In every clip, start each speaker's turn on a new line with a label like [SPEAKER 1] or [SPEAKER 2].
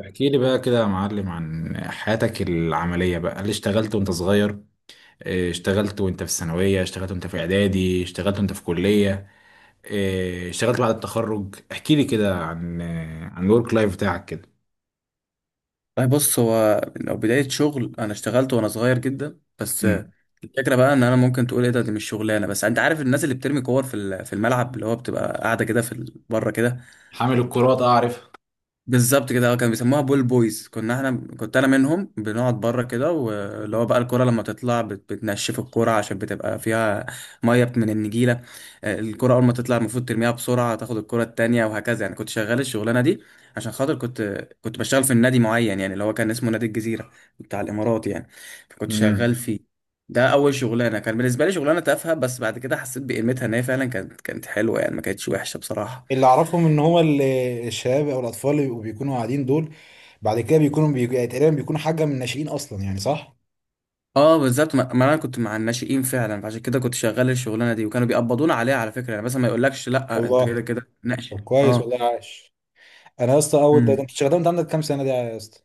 [SPEAKER 1] احكي لي بقى كده يا معلم، عن حياتك العملية بقى، اللي اشتغلت وانت صغير. إيه، اشتغلت وانت في الثانوية، اشتغلت وانت في اعدادي، اشتغلت وانت في كلية. إيه، اشتغلت بعد التخرج، احكي لي كده عن الورك لايف بتاعك كده.
[SPEAKER 2] طيب بص، هو لو بداية شغل أنا اشتغلت وأنا صغير جدا. بس
[SPEAKER 1] مم.
[SPEAKER 2] الفكرة بقى إن أنا ممكن تقول إيه ده، دي مش شغلانة. بس أنت عارف الناس اللي بترمي كور في في الملعب، اللي هو بتبقى قاعدة كده في بره كده.
[SPEAKER 1] حامل الكرات، اعرف.
[SPEAKER 2] بالظبط كده، اه، كانوا بيسموها بول بويز. كنا احنا، كنت انا منهم، بنقعد بره كده، واللي هو بقى الكرة لما تطلع بتنشف الكرة عشان بتبقى فيها ميه من النجيله. الكرة اول ما تطلع المفروض ترميها بسرعه، تاخد الكرة التانية، وهكذا يعني. كنت شغال الشغلانه دي عشان خاطر كنت بشتغل في النادي معين، يعني اللي هو كان اسمه نادي الجزيره بتاع الامارات يعني. فكنت شغال
[SPEAKER 1] مم.
[SPEAKER 2] فيه. ده اول شغلانه، كان بالنسبه لي شغلانه تافهه، بس بعد كده حسيت بقيمتها، ان هي فعلا كانت حلوه يعني، ما كانتش وحشه بصراحه.
[SPEAKER 1] اللي اعرفهم ان هو الشباب او الاطفال اللي بيكونوا قاعدين دول، بعد كده بيكونوا يعني تقريبا بيكونوا حاجه من الناشئين اصلا، يعني صح؟
[SPEAKER 2] اه بالظبط. ما انا كنت مع الناشئين فعلا، فعشان كده كنت شغال الشغلانه دي، وكانوا بيقبضونا عليها على فكره يعني. بس ما يقولكش لا، انت
[SPEAKER 1] الله.
[SPEAKER 2] كده كده ناشئ.
[SPEAKER 1] طب، كويس
[SPEAKER 2] اه.
[SPEAKER 1] والله، عاش. انا يا اسطى، اول ده انت
[SPEAKER 2] امم
[SPEAKER 1] اشتغلت وانت عندك كام سنه ده يا اسطى؟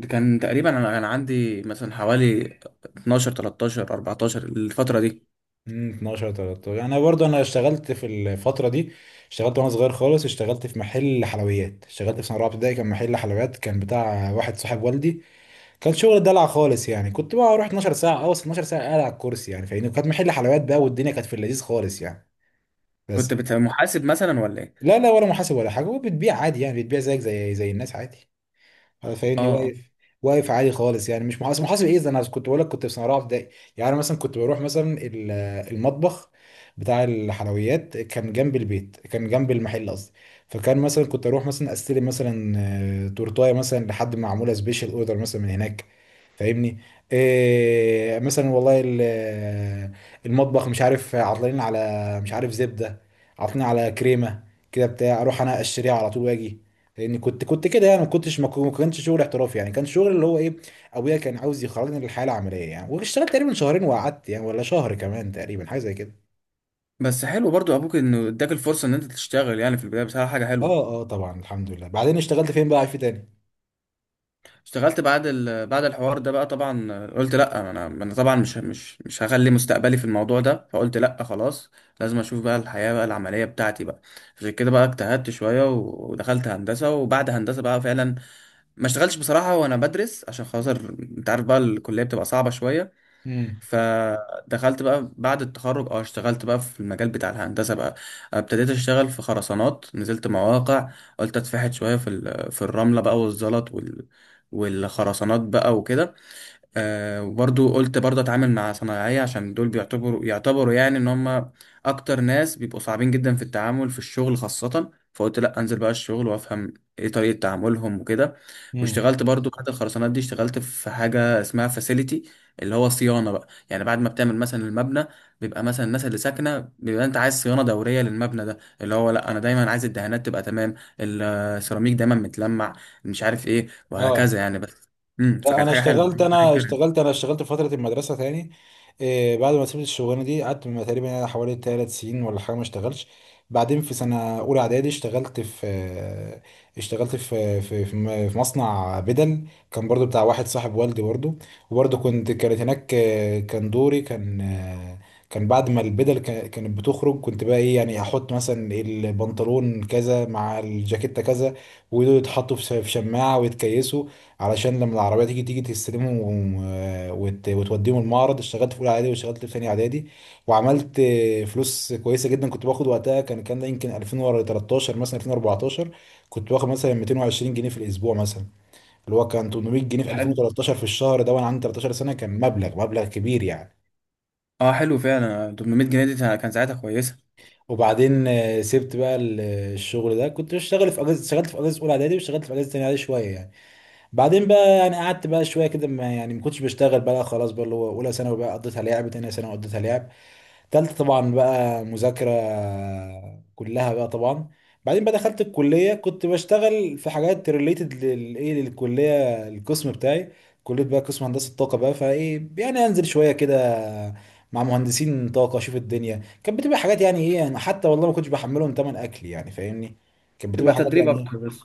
[SPEAKER 2] ده كان تقريبا انا كان عندي مثلا حوالي 12 13 14، الفتره دي.
[SPEAKER 1] 12 13، انا برضه اشتغلت في الفتره دي. اشتغلت وانا صغير خالص، اشتغلت في محل حلويات، اشتغلت في سنه رابعه ابتدائي، كان محل حلويات كان بتاع واحد صاحب والدي. كان شغل دلع خالص، يعني كنت بقى اروح 12 ساعه، اوصل 12 ساعه قاعد على الكرسي، يعني فاهمني، وكانت محل حلويات بقى، والدنيا كانت في اللذيذ خالص يعني. بس.
[SPEAKER 2] كنت محاسب مثلا ولا ايه؟
[SPEAKER 1] لا، لا، ولا محاسب ولا حاجه، وبتبيع عادي، يعني بتبيع زيك زي الناس، عادي.
[SPEAKER 2] اه
[SPEAKER 1] فاهمني، واقف. واقف عالي خالص، يعني مش محاسب، محاسب ايه ده؟ انا كنت بقول لك، كنت في سنه رابعه ابتدائي. يعني انا مثلا كنت بروح مثلا المطبخ بتاع الحلويات، كان جنب البيت كان جنب المحل قصدي. فكان مثلا كنت اروح مثلا استلم مثلا تورتايه مثلا، لحد ما معموله سبيشال اوردر مثلا من هناك. فاهمني؟ إيه مثلا والله المطبخ، مش عارف عطلانين على، مش عارف زبدة، عطلانين على كريمة، كده بتاع، اروح انا اشتريها على طول واجي. لان كنت كده يعني ما كنتش ما كو- ما كانش شغل احترافي، يعني كان شغل اللي هو ايه. ابويا كان عاوز يخرجني للحياة العملية يعني، واشتغلت تقريبا شهرين وقعدت يعني، ولا شهر كمان تقريبا حاجة زي كده.
[SPEAKER 2] بس حلو برضو ابوك، انه اداك الفرصه ان انت تشتغل يعني في البدايه، بصراحه حاجه حلوه.
[SPEAKER 1] اه، اه، طبعا الحمد لله. بعدين اشتغلت فين بقى في تاني؟
[SPEAKER 2] اشتغلت بعد بعد الحوار ده بقى. طبعا قلت لا، انا انا طبعا مش هخلي مستقبلي في الموضوع ده. فقلت لا خلاص، لازم اشوف بقى الحياة بقى العملية بتاعتي بقى. عشان كده بقى اجتهدت شوية ودخلت هندسة، وبعد هندسة بقى فعلا ما اشتغلتش بصراحة وانا بدرس، عشان خاطر انت عارف بقى الكلية بتبقى صعبة شوية.
[SPEAKER 1] امم.
[SPEAKER 2] فدخلت بقى بعد التخرج، اه، اشتغلت بقى في المجال بتاع الهندسة بقى. ابتديت اشتغل في خرسانات، نزلت مواقع، قلت اتفحت شوية في في الرملة بقى والزلط وال، والخرسانات بقى وكده. وبرضو قلت برضو اتعامل مع صنايعية، عشان دول بيعتبروا يعني ان هم اكتر ناس بيبقوا صعبين جدا في التعامل في الشغل خاصة. فقلت لا، انزل بقى الشغل، وافهم ايه طريقة تعاملهم وكده.
[SPEAKER 1] امم.
[SPEAKER 2] واشتغلت برضو بعد الخرسانات دي، اشتغلت في حاجة اسمها فاسيليتي، اللي هو صيانة بقى يعني. بعد ما بتعمل مثلا المبنى، بيبقى مثلا الناس اللي ساكنة، بيبقى انت عايز صيانة دورية للمبنى ده، اللي هو لا انا دايما عايز الدهانات تبقى تمام، السيراميك دايما متلمع، مش عارف ايه وهكذا
[SPEAKER 1] اه.
[SPEAKER 2] يعني. بس
[SPEAKER 1] لا،
[SPEAKER 2] فكانت
[SPEAKER 1] انا
[SPEAKER 2] حاجة حلوة.
[SPEAKER 1] اشتغلت
[SPEAKER 2] مية
[SPEAKER 1] انا
[SPEAKER 2] جنيه.
[SPEAKER 1] اشتغلت انا اشتغلت في فتره المدرسه تاني. إيه، بعد ما سبت الشغلانه دي قعدت تقريبا يعني حوالي 3 سنين ولا حاجه، ما اشتغلش. بعدين في سنه اولى اعدادي اشتغلت في آه، اشتغلت في في في م- في مصنع بدل، كان برضو بتاع واحد صاحب والدي برضو. وبرضو كانت هناك، كان دوري، كان كان بعد ما البدل كانت بتخرج، كنت بقى ايه يعني احط مثلا البنطلون كذا مع الجاكيتة كذا، ودول يتحطوا في شماعة ويتكيسوا، علشان لما العربية تيجي تستلمهم وتوديهم المعرض. اشتغلت في أولى إعدادي، واشتغلت في تانية إعدادي. وعملت فلوس كويسة جدا، كنت باخد وقتها، كان ده يمكن 2013 مثلا، 2014. كنت باخد مثلا 220 جنيه في الأسبوع مثلا، اللي هو كان 800 جنيه في
[SPEAKER 2] حلو.
[SPEAKER 1] 2013 في الشهر ده، وأنا عندي 13 سنة، كان مبلغ كبير يعني.
[SPEAKER 2] اه حلو فعلا، 800 جنيه دي كان ساعتها كويسه.
[SPEAKER 1] وبعدين سبت بقى الشغل ده، كنت بشتغل في أجازة، اشتغلت في أجازة أولى إعدادي واشتغلت في أجازة تانية إعدادي شوية يعني. بعدين بقى يعني قعدت بقى شويه كده، ما يعني ما كنتش بشتغل بقى خلاص. بقى اللي هو اولى ثانوي بقى قضيتها لعب، تانية ثانوي قضيتها لعب، تالتة طبعا بقى مذاكره كلها بقى طبعا. بعدين بقى دخلت الكليه، كنت بشتغل في حاجات ريليتد للكليه القسم بتاعي. كليه بقى قسم هندسه طاقه بقى، فايه يعني انزل شويه كده مع مهندسين طاقه، اشوف الدنيا كانت بتبقى حاجات يعني ايه، يعني حتى والله ما كنتش بحملهم تمن اكل يعني فاهمني. كانت
[SPEAKER 2] تبقى
[SPEAKER 1] بتبقى حاجات
[SPEAKER 2] تدريب
[SPEAKER 1] يعني ايه،
[SPEAKER 2] اكتر بس.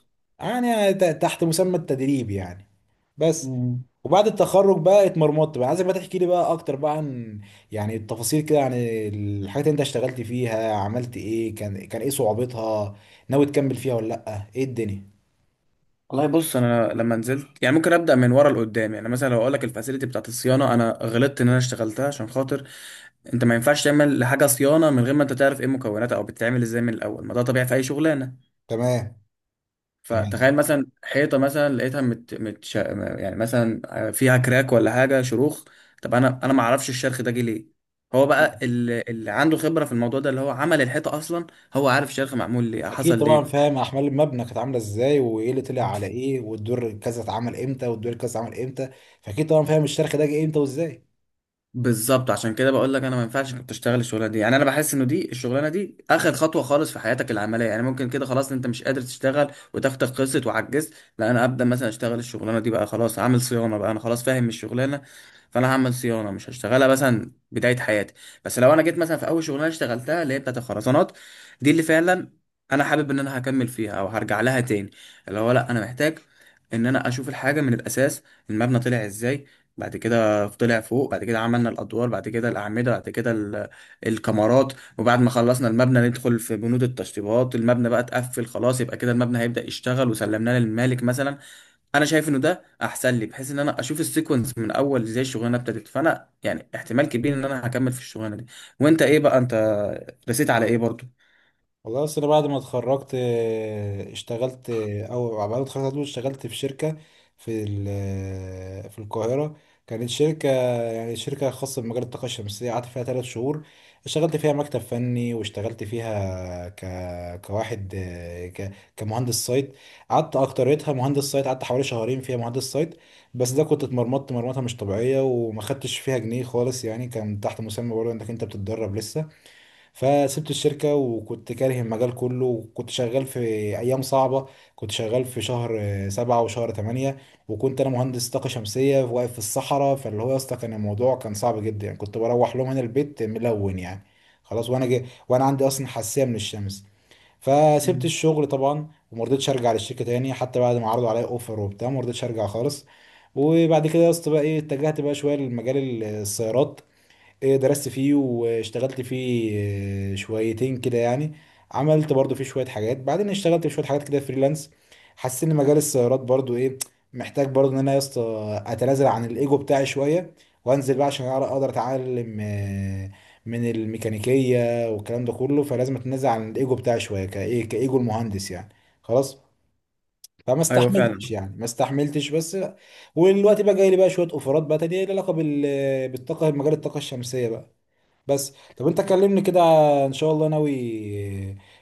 [SPEAKER 1] يعني تحت مسمى التدريب يعني. بس.
[SPEAKER 2] مم.
[SPEAKER 1] وبعد التخرج بقى اتمرمطت بقى. عايزك بقى تحكي لي بقى اكتر بقى عن يعني التفاصيل كده، عن الحاجات اللي انت اشتغلت فيها، عملت ايه، كان ايه صعوبتها، ناوي تكمل فيها ولا لا، ايه الدنيا؟
[SPEAKER 2] والله بص، انا لما نزلت يعني، ممكن ابدا من ورا لقدام يعني. مثلا لو اقول لك الفاسيلتي بتاعت الصيانه، انا غلطت ان انا اشتغلتها، عشان خاطر انت ما ينفعش تعمل لحاجه صيانه من غير ما انت تعرف ايه مكوناتها او بتتعمل ازاي من الاول، ما ده طبيعي في اي شغلانه.
[SPEAKER 1] تمام. تمام.
[SPEAKER 2] فتخيل مثلا حيطه مثلا لقيتها يعني مثلا فيها كراك ولا حاجه، شروخ. طب انا، ما اعرفش الشرخ ده جه ليه. هو بقى اللي عنده خبره في الموضوع ده، اللي هو عمل الحيطه اصلا، هو عارف الشرخ معمول ليه، حصل
[SPEAKER 1] اكيد طبعا.
[SPEAKER 2] ليه.
[SPEAKER 1] فاهم احمال المبنى كانت عامله ازاي، وايه اللي طلع على ايه، والدور كذا اتعمل امتى، والدور كذا اتعمل امتى، فاكيد طبعا فاهم الشرخ ده جه امتى وازاي.
[SPEAKER 2] بالظبط، عشان كده بقول لك انا ما ينفعش انك تشتغل الشغلانه دي يعني. انا بحس انه دي الشغلانه دي اخر خطوه خالص في حياتك العمليه يعني. ممكن كده خلاص انت مش قادر تشتغل، وتاخدك قصه وعجزت، لا انا ابدا مثلا اشتغل الشغلانه دي بقى. خلاص عامل صيانه بقى، انا خلاص فاهم الشغلانه، فانا هعمل صيانه، مش هشتغلها مثلا بدايه حياتي. بس لو انا جيت مثلا في اول شغلانه اشتغلتها، اللي هي بتاعت الخرسانات دي، اللي فعلا انا حابب ان انا هكمل فيها او هرجع لها تاني، اللي هو لا انا محتاج ان انا اشوف الحاجه من الاساس. المبنى طلع ازاي، بعد كده طلع فوق، بعد كده عملنا الادوار، بعد كده الاعمده، بعد كده الكمرات، وبعد ما خلصنا المبنى ندخل في بنود التشطيبات. المبنى بقى اتقفل خلاص، يبقى كده المبنى هيبدا يشتغل، وسلمناه للمالك مثلا. انا شايف انه ده احسن لي، بحيث ان انا اشوف السيكونس من اول ازاي الشغلانه ابتدت، فانا يعني احتمال كبير ان انا هكمل في الشغلانه دي. وانت ايه بقى؟ انت رسيت على ايه برضو؟
[SPEAKER 1] والله اصل، أنا بعد ما اتخرجت اشتغلت او بعد ما اتخرجت على طول اشتغلت في شركه في ال- آه، في القاهره. كانت شركه، يعني شركه خاصه بمجال الطاقه الشمسيه، قعدت فيها 3 شهور. اشتغلت فيها مكتب فني، واشتغلت فيها كواحد كمهندس سايت. قعدت اكتريتها مهندس سايت، قعدت حوالي شهرين فيها مهندس سايت. بس ده كنت اتمرمطت مرمطه مش طبيعيه، وما خدتش فيها جنيه خالص يعني، كان تحت مسمى برضه انك انت بتتدرب لسه. فسبت الشركة وكنت كاره المجال كله، وكنت شغال في أيام صعبة، كنت شغال في شهر 7 وشهر 8. وكنت أنا مهندس طاقة شمسية واقف في الصحراء، فاللي هو يا اسطى كان الموضوع كان صعب جدا يعني، كنت بروح لهم هنا البيت ملون يعني، خلاص، وأنا جي وأنا عندي أصلا حساسية من الشمس. فسبت
[SPEAKER 2] مم.
[SPEAKER 1] الشغل طبعا وما رضيتش أرجع للشركة تاني، حتى بعد ما عرضوا عليا أوفر وبتاع، ما رضيتش أرجع خالص. وبعد كده يا اسطى بقى ايه، اتجهت بقى شويه لمجال السيارات، ايه درست فيه واشتغلت فيه، إيه، شويتين كده يعني. عملت برضو فيه شوية حاجات، بعدين اشتغلت في شوية حاجات كده فريلانس. حسيت ان مجال السيارات برضو ايه، محتاج برضو ان انا يا اسطى اتنازل عن الايجو بتاعي شوية، وانزل بقى عشان اقدر اتعلم من الميكانيكية والكلام ده كله، فلازم اتنازل عن الايجو بتاعي شوية، كايجو المهندس يعني. خلاص. فما
[SPEAKER 2] ايوه فعلا.
[SPEAKER 1] استحملتش يعني، ما استحملتش بس. والوقت بقى جاي لي بقى شويه اوفرات بقى تانية ليها علاقه بالطاقه، مجال الطاقه الشمسيه بقى. بس طب، انت كلمني كده، ان شاء الله. ناوي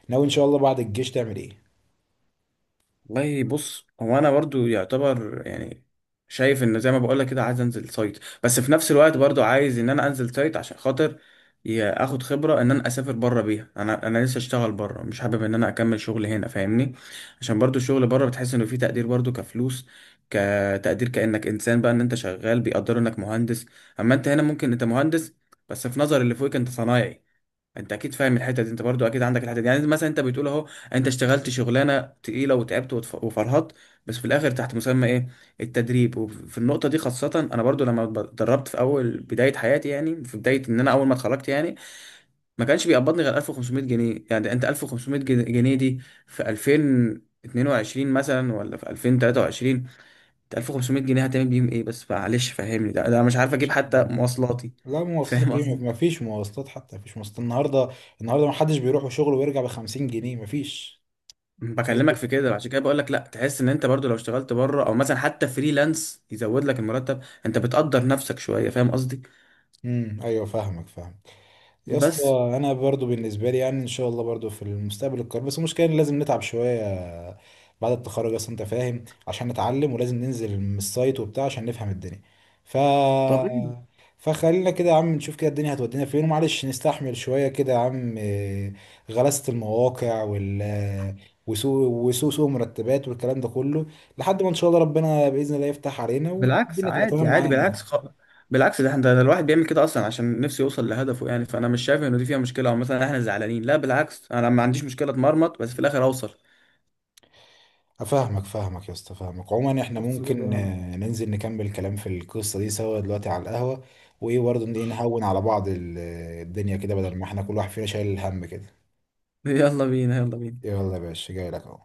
[SPEAKER 1] ناوي ان شاء الله، بعد الجيش تعمل ايه؟
[SPEAKER 2] والله بص، هو انا برضو يعتبر يعني شايف ان زي ما بقول لك كده، عايز انزل سايت. بس في نفس الوقت برضو عايز ان انا انزل سايت عشان خاطر اخد خبره ان انا اسافر بره بيها. انا لسه اشتغل بره، مش حابب ان انا اكمل شغل هنا، فاهمني؟ عشان برضو الشغل بره بتحس انه فيه تقدير، برضو كفلوس، كتقدير، كانك انسان بقى، ان انت شغال بيقدروا انك مهندس. اما انت هنا ممكن انت مهندس، بس في نظر اللي فوقك انت صنايعي. انت اكيد فاهم الحته دي، انت برضو اكيد عندك الحته دي يعني. مثلا انت بتقول اهو، انت اشتغلت شغلانه تقيله، وتعبت وفرهدت، بس في الاخر تحت مسمى ايه؟ التدريب. وفي النقطه دي خاصه، انا برضو لما اتدربت في اول بدايه حياتي، يعني في بدايه ان انا اول ما اتخرجت يعني، ما كانش بيقبضني غير 1500 جنيه يعني. انت 1500 جنيه دي في 2022 مثلا ولا في 2023، انت 1500 جنيه هتعمل بيهم ايه؟ بس معلش فهمني، ده انا مش عارف
[SPEAKER 1] ان
[SPEAKER 2] اجيب
[SPEAKER 1] شاء
[SPEAKER 2] حتى
[SPEAKER 1] الله.
[SPEAKER 2] مواصلاتي.
[SPEAKER 1] لا،
[SPEAKER 2] فاهم
[SPEAKER 1] مواصلاتك ايه؟
[SPEAKER 2] قصدي؟
[SPEAKER 1] مفيش مواصلات، حتى مفيش مواصلات النهارده. النهارده محدش بيروح شغله ويرجع ب 50 جنيه، مفيش. ناس
[SPEAKER 2] بكلمك
[SPEAKER 1] بت...
[SPEAKER 2] في كده عشان كده بقول لك لا، تحس ان انت برضو لو اشتغلت بره، او مثلا حتى فريلانس يزود لك المرتب، انت بتقدر نفسك شويه. فاهم قصدي؟
[SPEAKER 1] ايوه، فاهمك فاهمك يا اسطى.
[SPEAKER 2] بس
[SPEAKER 1] انا برضو بالنسبه لي يعني، ان شاء الله برضو في المستقبل القريب. بس المشكله إن لازم نتعب شويه، بعد التخرج اصلا انت فاهم، عشان نتعلم ولازم ننزل من السايت وبتاع عشان نفهم الدنيا. ف
[SPEAKER 2] طبيعي.
[SPEAKER 1] فخلينا كده يا عم نشوف كده الدنيا هتودينا فين، ومعلش نستحمل شويه كده يا عم، إيه، غلاسه المواقع وسوء وسوء سوء مرتبات والكلام ده كله، لحد ما ان شاء الله ربنا باذن الله يفتح علينا،
[SPEAKER 2] بالعكس
[SPEAKER 1] والدنيا تبقى تمام
[SPEAKER 2] عادي عادي.
[SPEAKER 1] معانا يعني.
[SPEAKER 2] بالعكس، ده احنا ده الواحد بيعمل كده اصلا عشان نفسه يوصل لهدفه يعني. فانا مش شايف انه دي فيها مشكله، او مثلا احنا زعلانين، لا بالعكس، انا ما عنديش مشكله اتمرمط بس في الاخر اوصل.
[SPEAKER 1] فاهمك يا اسطى فاهمك. عموما احنا
[SPEAKER 2] بص كده
[SPEAKER 1] ممكن
[SPEAKER 2] يعني.
[SPEAKER 1] ننزل نكمل كلام في القصه دي سوا دلوقتي على القهوه، وايه برضه، نهون على بعض الدنيا كده، بدل ما احنا كل واحد فينا شايل الهم كده.
[SPEAKER 2] يلا بينا، يلا بينا.
[SPEAKER 1] يلا يا باشا، جاي لك اهو.